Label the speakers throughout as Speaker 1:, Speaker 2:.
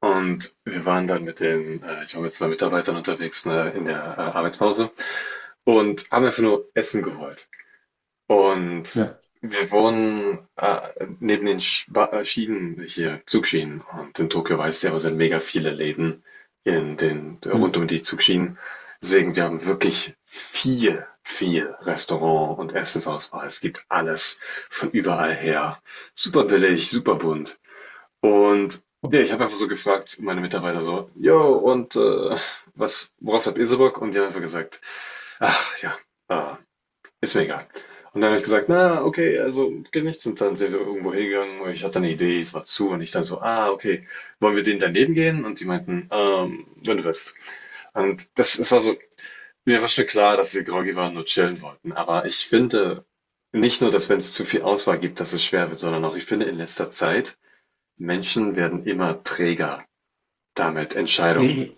Speaker 1: Und wir waren dann ich war mit zwei Mitarbeitern unterwegs, ne, in der Arbeitspause und haben einfach nur Essen geholt. Und
Speaker 2: Ja,
Speaker 1: wir wohnen neben den Schwa Schienen hier, Zugschienen. Und in Tokio weißt du ja, sind mega viele Läden
Speaker 2: ja.
Speaker 1: rund um die Zugschienen. Deswegen, wir haben wirklich viel, viel Restaurant und Essensauswahl. Es gibt alles von überall her. Super billig, super bunt. Und ja, ich habe einfach so gefragt, meine Mitarbeiter so, jo, und worauf habt ihr so Bock? Und die haben einfach gesagt, ach ja, äh, ist mir egal. Und dann habe ich gesagt, na, okay, also geht nichts. Und dann sind wir irgendwo hingegangen und ich hatte eine Idee, es war zu. Und ich dann so, ah, okay, wollen wir denen daneben gehen? Und die meinten, wenn du willst. Und es war so, mir war schon klar, dass sie groggy waren und nur chillen wollten. Aber ich finde nicht nur, dass wenn es zu viel Auswahl gibt, dass es schwer wird, sondern auch, ich finde in letzter Zeit, Menschen werden immer träger, damit Entscheidungen,
Speaker 2: Okay,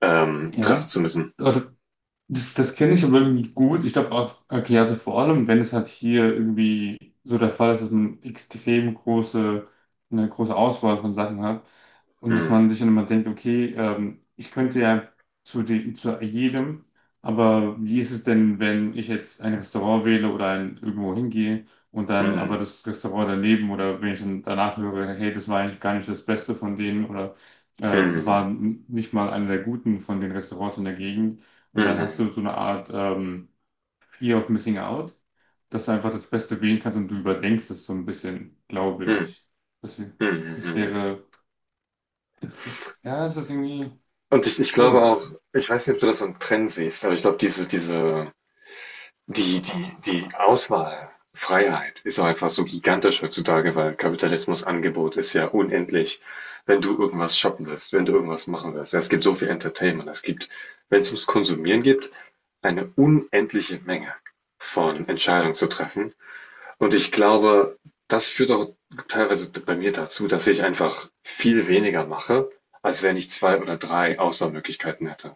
Speaker 1: treffen
Speaker 2: ja.
Speaker 1: zu müssen.
Speaker 2: Oder Das kenne ich aber irgendwie gut. Ich glaube auch, okay, also vor allem, wenn es halt hier irgendwie so der Fall ist, dass man extrem große, eine große Auswahl von Sachen hat und dass
Speaker 1: Hm,
Speaker 2: man sich dann immer denkt, okay, ich könnte ja zu dem, zu jedem, aber wie ist es denn, wenn ich jetzt ein Restaurant wähle oder ein, irgendwo hingehe und dann aber
Speaker 1: hm,
Speaker 2: das Restaurant daneben oder wenn ich dann danach höre, hey, das war eigentlich gar nicht das Beste von denen oder das
Speaker 1: hm,
Speaker 2: war nicht mal einer der guten von den Restaurants in der Gegend
Speaker 1: hm,
Speaker 2: und dann hast
Speaker 1: hm,
Speaker 2: du so eine Art Fear of Missing Out, dass du einfach das Beste wählen kannst und du überdenkst es so ein bisschen, glaube
Speaker 1: hm,
Speaker 2: ich. Das, wär-
Speaker 1: hm, hm,
Speaker 2: Das
Speaker 1: hm.
Speaker 2: wäre, das ist, ja, es ist irgendwie
Speaker 1: Und ich glaube auch,
Speaker 2: komisch.
Speaker 1: ich weiß nicht, ob du das so einen Trend siehst, aber ich glaube, diese, diese Die die die Auswahlfreiheit ist auch einfach so gigantisch heutzutage, weil Kapitalismus Angebot ist ja unendlich. Wenn du irgendwas shoppen willst, wenn du irgendwas machen willst. Es gibt so viel Entertainment. Es gibt, wenn es ums Konsumieren geht, eine unendliche Menge von Entscheidungen zu treffen. Und ich glaube, das führt auch teilweise bei mir dazu, dass ich einfach viel weniger mache, als wenn ich zwei oder drei Auswahlmöglichkeiten hätte.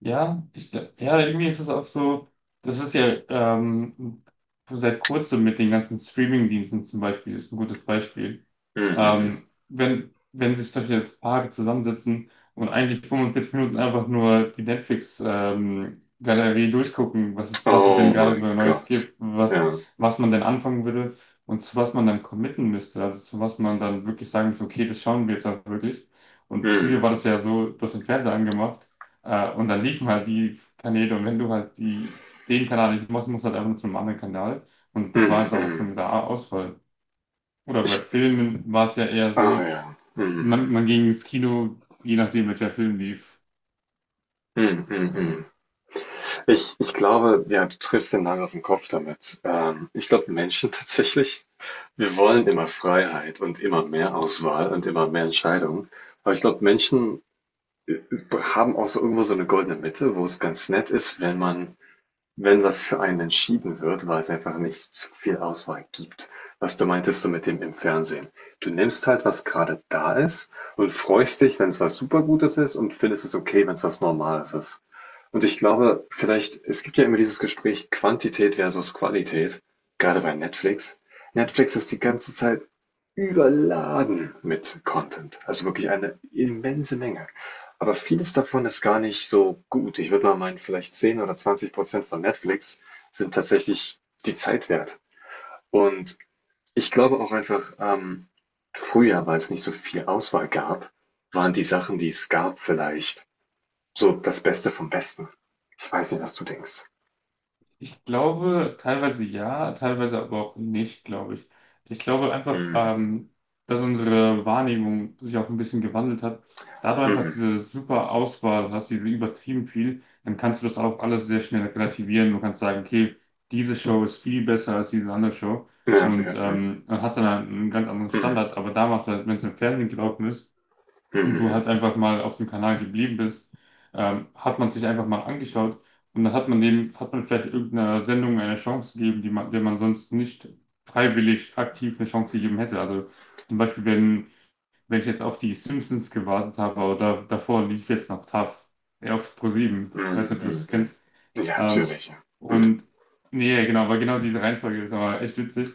Speaker 2: Ja, ja, irgendwie ist es auch so, das ist ja seit kurzem mit den ganzen Streaming-Diensten zum Beispiel, ist ein gutes Beispiel.
Speaker 1: Mhm.
Speaker 2: Wenn sich solche jetzt Paare zusammensetzen und eigentlich 45 Minuten einfach nur die Netflix-Galerie durchgucken, was es denn
Speaker 1: Oh
Speaker 2: gerade so
Speaker 1: mein
Speaker 2: Neues
Speaker 1: Gott.
Speaker 2: gibt, was,
Speaker 1: Ja.
Speaker 2: was man denn anfangen würde und zu was man dann committen müsste, also zu was man dann wirklich sagen müsste, okay, das schauen wir jetzt auch wirklich. Und
Speaker 1: Mhm.
Speaker 2: früher war das ja so, du hast den Fernseher angemacht, und dann liefen halt die Kanäle, und wenn du halt die, den Kanal nicht machst, musst du halt einfach nur zum anderen Kanal, und das war
Speaker 1: Mhm,
Speaker 2: jetzt auch schon
Speaker 1: mhm.
Speaker 2: mit der Auswahl. Oder bei
Speaker 1: Ich,
Speaker 2: Filmen war es ja eher
Speaker 1: ah
Speaker 2: so,
Speaker 1: ja.
Speaker 2: man,
Speaker 1: Mhm.
Speaker 2: man ging ins Kino, je nachdem, welcher Film lief.
Speaker 1: Mhm, mhm. Mhm. Ich glaube, ja, du triffst den Nagel auf den Kopf damit. Ich glaube, Menschen tatsächlich, wir wollen immer Freiheit und immer mehr Auswahl und immer mehr Entscheidungen. Aber ich glaube, Menschen äh, haben auch so irgendwo so eine goldene Mitte, wo es ganz nett ist, wenn was für einen entschieden wird, weil es einfach nicht so viel Auswahl gibt. Was du meintest du mit dem im Fernsehen. Du nimmst halt, was gerade da ist und freust dich, wenn es was Supergutes ist und findest es okay, wenn es was Normales ist. Und ich glaube, vielleicht, es gibt ja immer dieses Gespräch Quantität versus Qualität, gerade bei Netflix. Netflix ist die ganze Zeit überladen mit Content, also wirklich eine immense Menge. Aber vieles davon ist gar nicht so gut. Ich würde mal meinen, vielleicht 10 oder 20% von Netflix sind tatsächlich die Zeit wert. Und ich glaube auch einfach, früher, weil es nicht so viel Auswahl gab, waren die Sachen, die es gab, vielleicht so das Beste vom Besten. Ich weiß nicht, was du denkst.
Speaker 2: Ich glaube, teilweise ja, teilweise aber auch nicht, glaube ich. Ich glaube einfach,
Speaker 1: Hm,
Speaker 2: dass unsere Wahrnehmung sich auch ein bisschen gewandelt hat. Da du einfach
Speaker 1: mhm.
Speaker 2: diese super Auswahl hast, diese übertrieben viel, dann kannst du das auch alles sehr schnell relativieren. Du kannst sagen, okay, diese Show ist viel besser als diese andere Show.
Speaker 1: Ja,
Speaker 2: Und
Speaker 1: ja, ja.
Speaker 2: man hat dann einen ganz anderen
Speaker 1: Hm,
Speaker 2: Standard. Aber damals, wenn es im Fernsehen gelaufen ist, und du
Speaker 1: mhm,
Speaker 2: halt einfach mal auf dem Kanal geblieben bist, hat man sich einfach mal angeschaut, und dann hat man dem, hat man vielleicht irgendeiner Sendung eine Chance gegeben, die man, der man sonst nicht freiwillig aktiv eine Chance gegeben hätte. Also zum Beispiel, wenn ich jetzt auf die Simpsons gewartet habe, aber da, davor lief jetzt noch Taff, ja, auf ProSieben.
Speaker 1: mhm,
Speaker 2: Weiß nicht, ob du
Speaker 1: mhm,
Speaker 2: das
Speaker 1: mhm.
Speaker 2: kennst.
Speaker 1: Ja,
Speaker 2: Ähm,
Speaker 1: natürlich. Ja. Hm.
Speaker 2: und nee, genau, weil genau diese Reihenfolge ist aber echt witzig.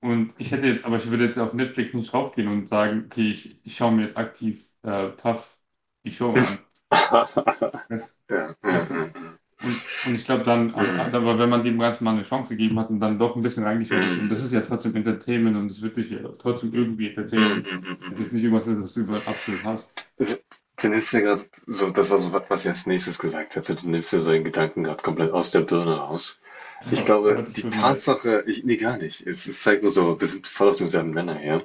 Speaker 2: Und ich hätte jetzt, aber ich würde jetzt auf Netflix nicht raufgehen und sagen, okay, ich schaue mir jetzt aktiv Taff die Show an. Weißt,
Speaker 1: Ja, ja, ja,
Speaker 2: weißt du?
Speaker 1: ja,
Speaker 2: Und ich glaube dann, aber,
Speaker 1: hm.
Speaker 2: aber wenn man dem Ganzen mal eine Chance gegeben hat und dann doch ein bisschen reingeschaut hat, und das ist
Speaker 1: Hm,
Speaker 2: ja trotzdem Entertainment und es wird dich ja trotzdem irgendwie
Speaker 1: hm,
Speaker 2: entertainen,
Speaker 1: hm, hm,
Speaker 2: es ist
Speaker 1: hm.
Speaker 2: nicht irgendwas, was du über den Apfel hast.
Speaker 1: So, du nimmst dir gerade so, das war so was, was ich als nächstes gesagt hätte. Du nimmst dir so den Gedanken gerade komplett aus der Birne raus. Ich
Speaker 2: Aber
Speaker 1: glaube,
Speaker 2: das
Speaker 1: die
Speaker 2: tut mir leid.
Speaker 1: Tatsache, nee, gar nicht. Es zeigt nur so, wir sind voll auf demselben Nenner her.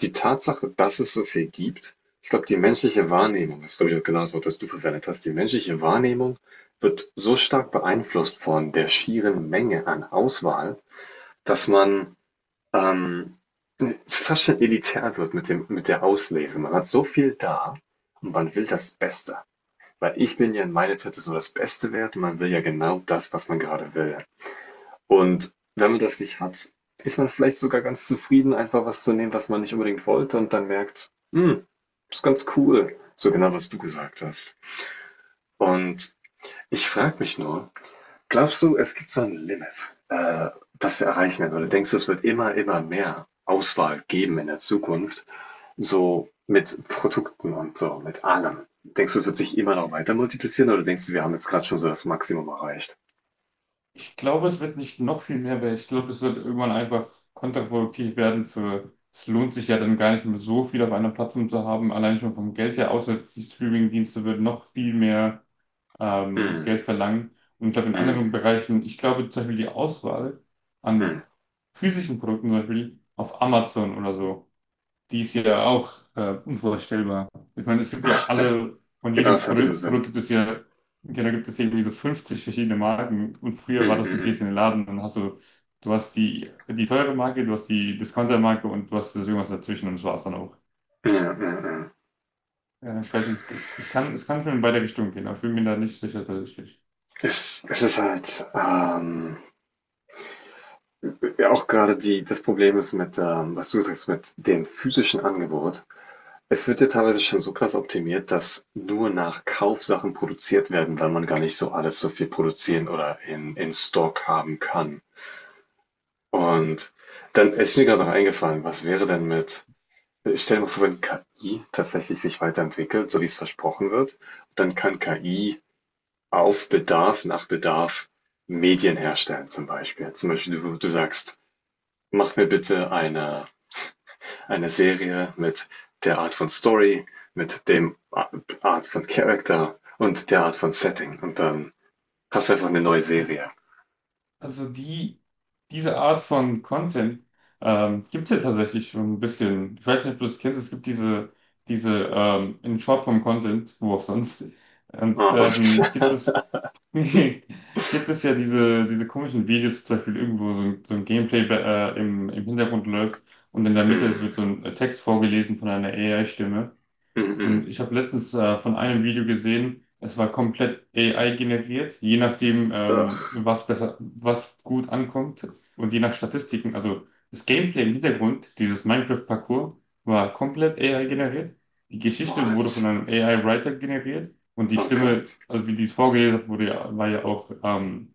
Speaker 1: Die Tatsache, dass es so viel gibt, ich glaube, die menschliche Wahrnehmung, das ist, glaube ich, auch genau das Wort, das du verwendet hast, die menschliche Wahrnehmung wird so stark beeinflusst von der schieren Menge an Auswahl, dass man ähm, fast schon elitär wird mit der Auslese. Man hat so viel da und man will das Beste. Weil ich bin ja in meiner Zeit so das Beste wert und man will ja genau das, was man gerade will. Und wenn man das nicht hat, ist man vielleicht sogar ganz zufrieden, einfach was zu nehmen, was man nicht unbedingt wollte und dann merkt, ist ganz cool. So genau, was du gesagt hast. Und ich frage mich nur, glaubst du, es gibt so ein Limit, das wir erreichen werden? Oder
Speaker 2: Ja.
Speaker 1: denkst du, es wird immer, immer mehr Auswahl geben in der Zukunft, so mit Produkten und so, mit allem? Denkst du, es wird sich immer noch weiter multiplizieren oder denkst du, wir haben jetzt gerade schon so das Maximum erreicht?
Speaker 2: Ich glaube, es wird nicht noch viel mehr, weil ich glaube, es wird irgendwann einfach kontraproduktiv werden für, es lohnt sich ja dann gar nicht mehr so viel auf einer Plattform zu haben, allein schon vom Geld her, außer die Streaming-Dienste würden noch viel mehr
Speaker 1: Hm,
Speaker 2: Geld verlangen. Und ich glaube, in anderen
Speaker 1: hm,
Speaker 2: Bereichen, ich glaube zum Beispiel die Auswahl
Speaker 1: hm.
Speaker 2: an physischen Produkten, zum Beispiel auf Amazon oder so, die ist ja auch unvorstellbar. Ich meine, es gibt ja alle, von
Speaker 1: Genau,
Speaker 2: jedem
Speaker 1: das hat diesen
Speaker 2: Produkt,
Speaker 1: Sinn.
Speaker 2: Produkt gibt es ja, ja, da gibt es irgendwie so 50 verschiedene Marken. Und früher war
Speaker 1: Hm,
Speaker 2: das,
Speaker 1: hm,
Speaker 2: du
Speaker 1: hm.
Speaker 2: gehst in den Laden und hast so, du hast die, die teure Marke, du hast die Discounter-Marke und du hast irgendwas dazwischen, und das war's dann auch.
Speaker 1: Ja, ja, ja.
Speaker 2: Ja, ich weiß nicht, ich kann, es kann schon in beide Richtungen gehen, aber ich bin mir da nicht sicher tatsächlich.
Speaker 1: Es ist halt ja, auch gerade das Problem ist mit, was du sagst, mit dem physischen Angebot. Es wird ja teilweise schon so krass optimiert, dass nur nach Kauf Sachen produziert werden, weil man gar nicht so alles so viel produzieren oder in Stock haben kann. Und dann ist mir gerade noch eingefallen, was wäre denn mit, stell dir mal vor, wenn KI tatsächlich sich weiterentwickelt, so wie es versprochen wird, dann kann KI auf Bedarf, nach Bedarf Medien herstellen zum Beispiel. Zum Beispiel, du sagst, mach mir bitte eine Serie mit der Art von Story, mit dem Art von Character und der Art von Setting. Und dann hast du einfach eine neue Serie.
Speaker 2: Also die, diese Art von Content gibt es ja tatsächlich schon ein bisschen. Ich weiß nicht, ob du das kennst, es gibt diese in Shortform Content, wo auch sonst. Und
Speaker 1: Ah, und
Speaker 2: gibt es, gibt es ja diese komischen Videos, zum Beispiel irgendwo so ein Gameplay im, im Hintergrund läuft und in der Mitte es wird
Speaker 1: mm,
Speaker 2: so ein Text vorgelesen von einer AI-Stimme.
Speaker 1: mm, mm.
Speaker 2: Und ich habe letztens von einem Video gesehen, es war komplett AI generiert, je nachdem,
Speaker 1: Ugh.
Speaker 2: was besser, was gut ankommt und je nach Statistiken. Also das Gameplay im Hintergrund, dieses Minecraft-Parcours, war komplett AI generiert. Die Geschichte wurde von
Speaker 1: What?
Speaker 2: einem AI-Writer generiert, und die
Speaker 1: Oh
Speaker 2: Stimme,
Speaker 1: Gott.
Speaker 2: also wie die es vorgelesen hat, wurde ja, war ja auch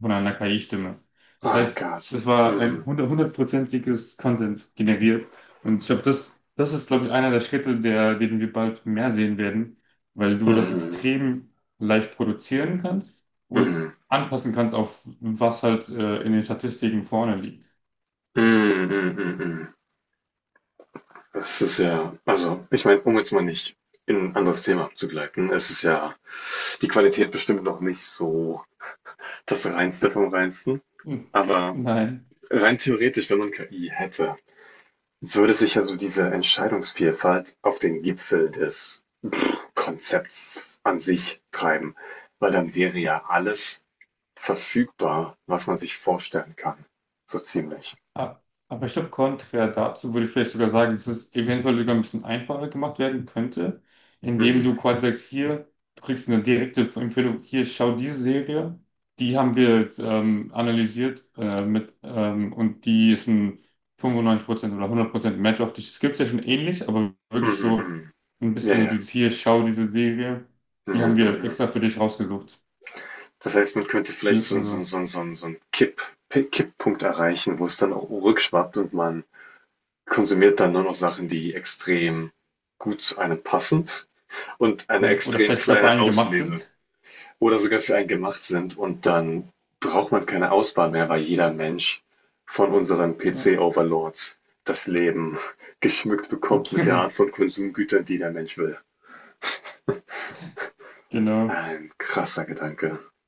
Speaker 2: von einer KI-Stimme. Das
Speaker 1: Oh
Speaker 2: heißt,
Speaker 1: Gott.
Speaker 2: das war ein
Speaker 1: Mm,
Speaker 2: hundertprozentiges Content generiert. Und ich glaube, das, das ist, glaube ich, einer der Schritte, der, den wir bald mehr sehen werden, weil du das
Speaker 1: mm,
Speaker 2: extrem leicht produzieren kannst
Speaker 1: mm,
Speaker 2: und
Speaker 1: mm,
Speaker 2: anpassen kannst auf was halt in den Statistiken vorne liegt.
Speaker 1: mm, mm, mm. Mm. Das ist ja, also, ich meine, um jetzt mal nicht in ein anderes Thema abzugleiten, es ist ja die Qualität bestimmt noch nicht so das Reinste vom Reinsten,
Speaker 2: Hm.
Speaker 1: aber
Speaker 2: Nein.
Speaker 1: rein theoretisch, wenn man KI hätte, würde sich also diese Entscheidungsvielfalt auf den Gipfel des Konzepts an sich treiben, weil dann wäre ja alles verfügbar, was man sich vorstellen kann. So ziemlich.
Speaker 2: Ah, aber ich glaube, konträr dazu würde ich vielleicht sogar sagen, dass es eventuell sogar ein bisschen einfacher gemacht werden könnte, indem du
Speaker 1: Mhm.
Speaker 2: quasi sagst, hier, du kriegst eine direkte Empfehlung, hier, schau diese Serie, die haben wir jetzt, analysiert mit, und die ist ein 95% oder 100% Match auf dich. Es gibt ja schon ähnlich, aber wirklich
Speaker 1: Mhm,
Speaker 2: so
Speaker 1: mhm.
Speaker 2: ein
Speaker 1: Ja,
Speaker 2: bisschen so
Speaker 1: ja.
Speaker 2: dieses hier, schau diese Serie,
Speaker 1: Ja,
Speaker 2: die haben
Speaker 1: ja,
Speaker 2: wir
Speaker 1: ja.
Speaker 2: extra für dich rausgesucht.
Speaker 1: Das heißt, man könnte vielleicht so, so,
Speaker 2: Also,
Speaker 1: so, so, so einen Kipppunkt erreichen, wo es dann auch rückschwappt und man konsumiert dann nur noch Sachen, die extrem gut zu einem passen und eine
Speaker 2: ja, oder
Speaker 1: extrem
Speaker 2: vielleicht sogar für
Speaker 1: kleine
Speaker 2: einen gemacht
Speaker 1: Auslese
Speaker 2: sind.
Speaker 1: oder sogar für einen gemacht sind. Und dann braucht man keine Auswahl mehr, weil jeder Mensch von unseren
Speaker 2: Ja,
Speaker 1: PC-Overlords das Leben geschmückt bekommt mit der Art von Konsumgütern, die der Mensch will.
Speaker 2: genau.
Speaker 1: Ein krasser Gedanke.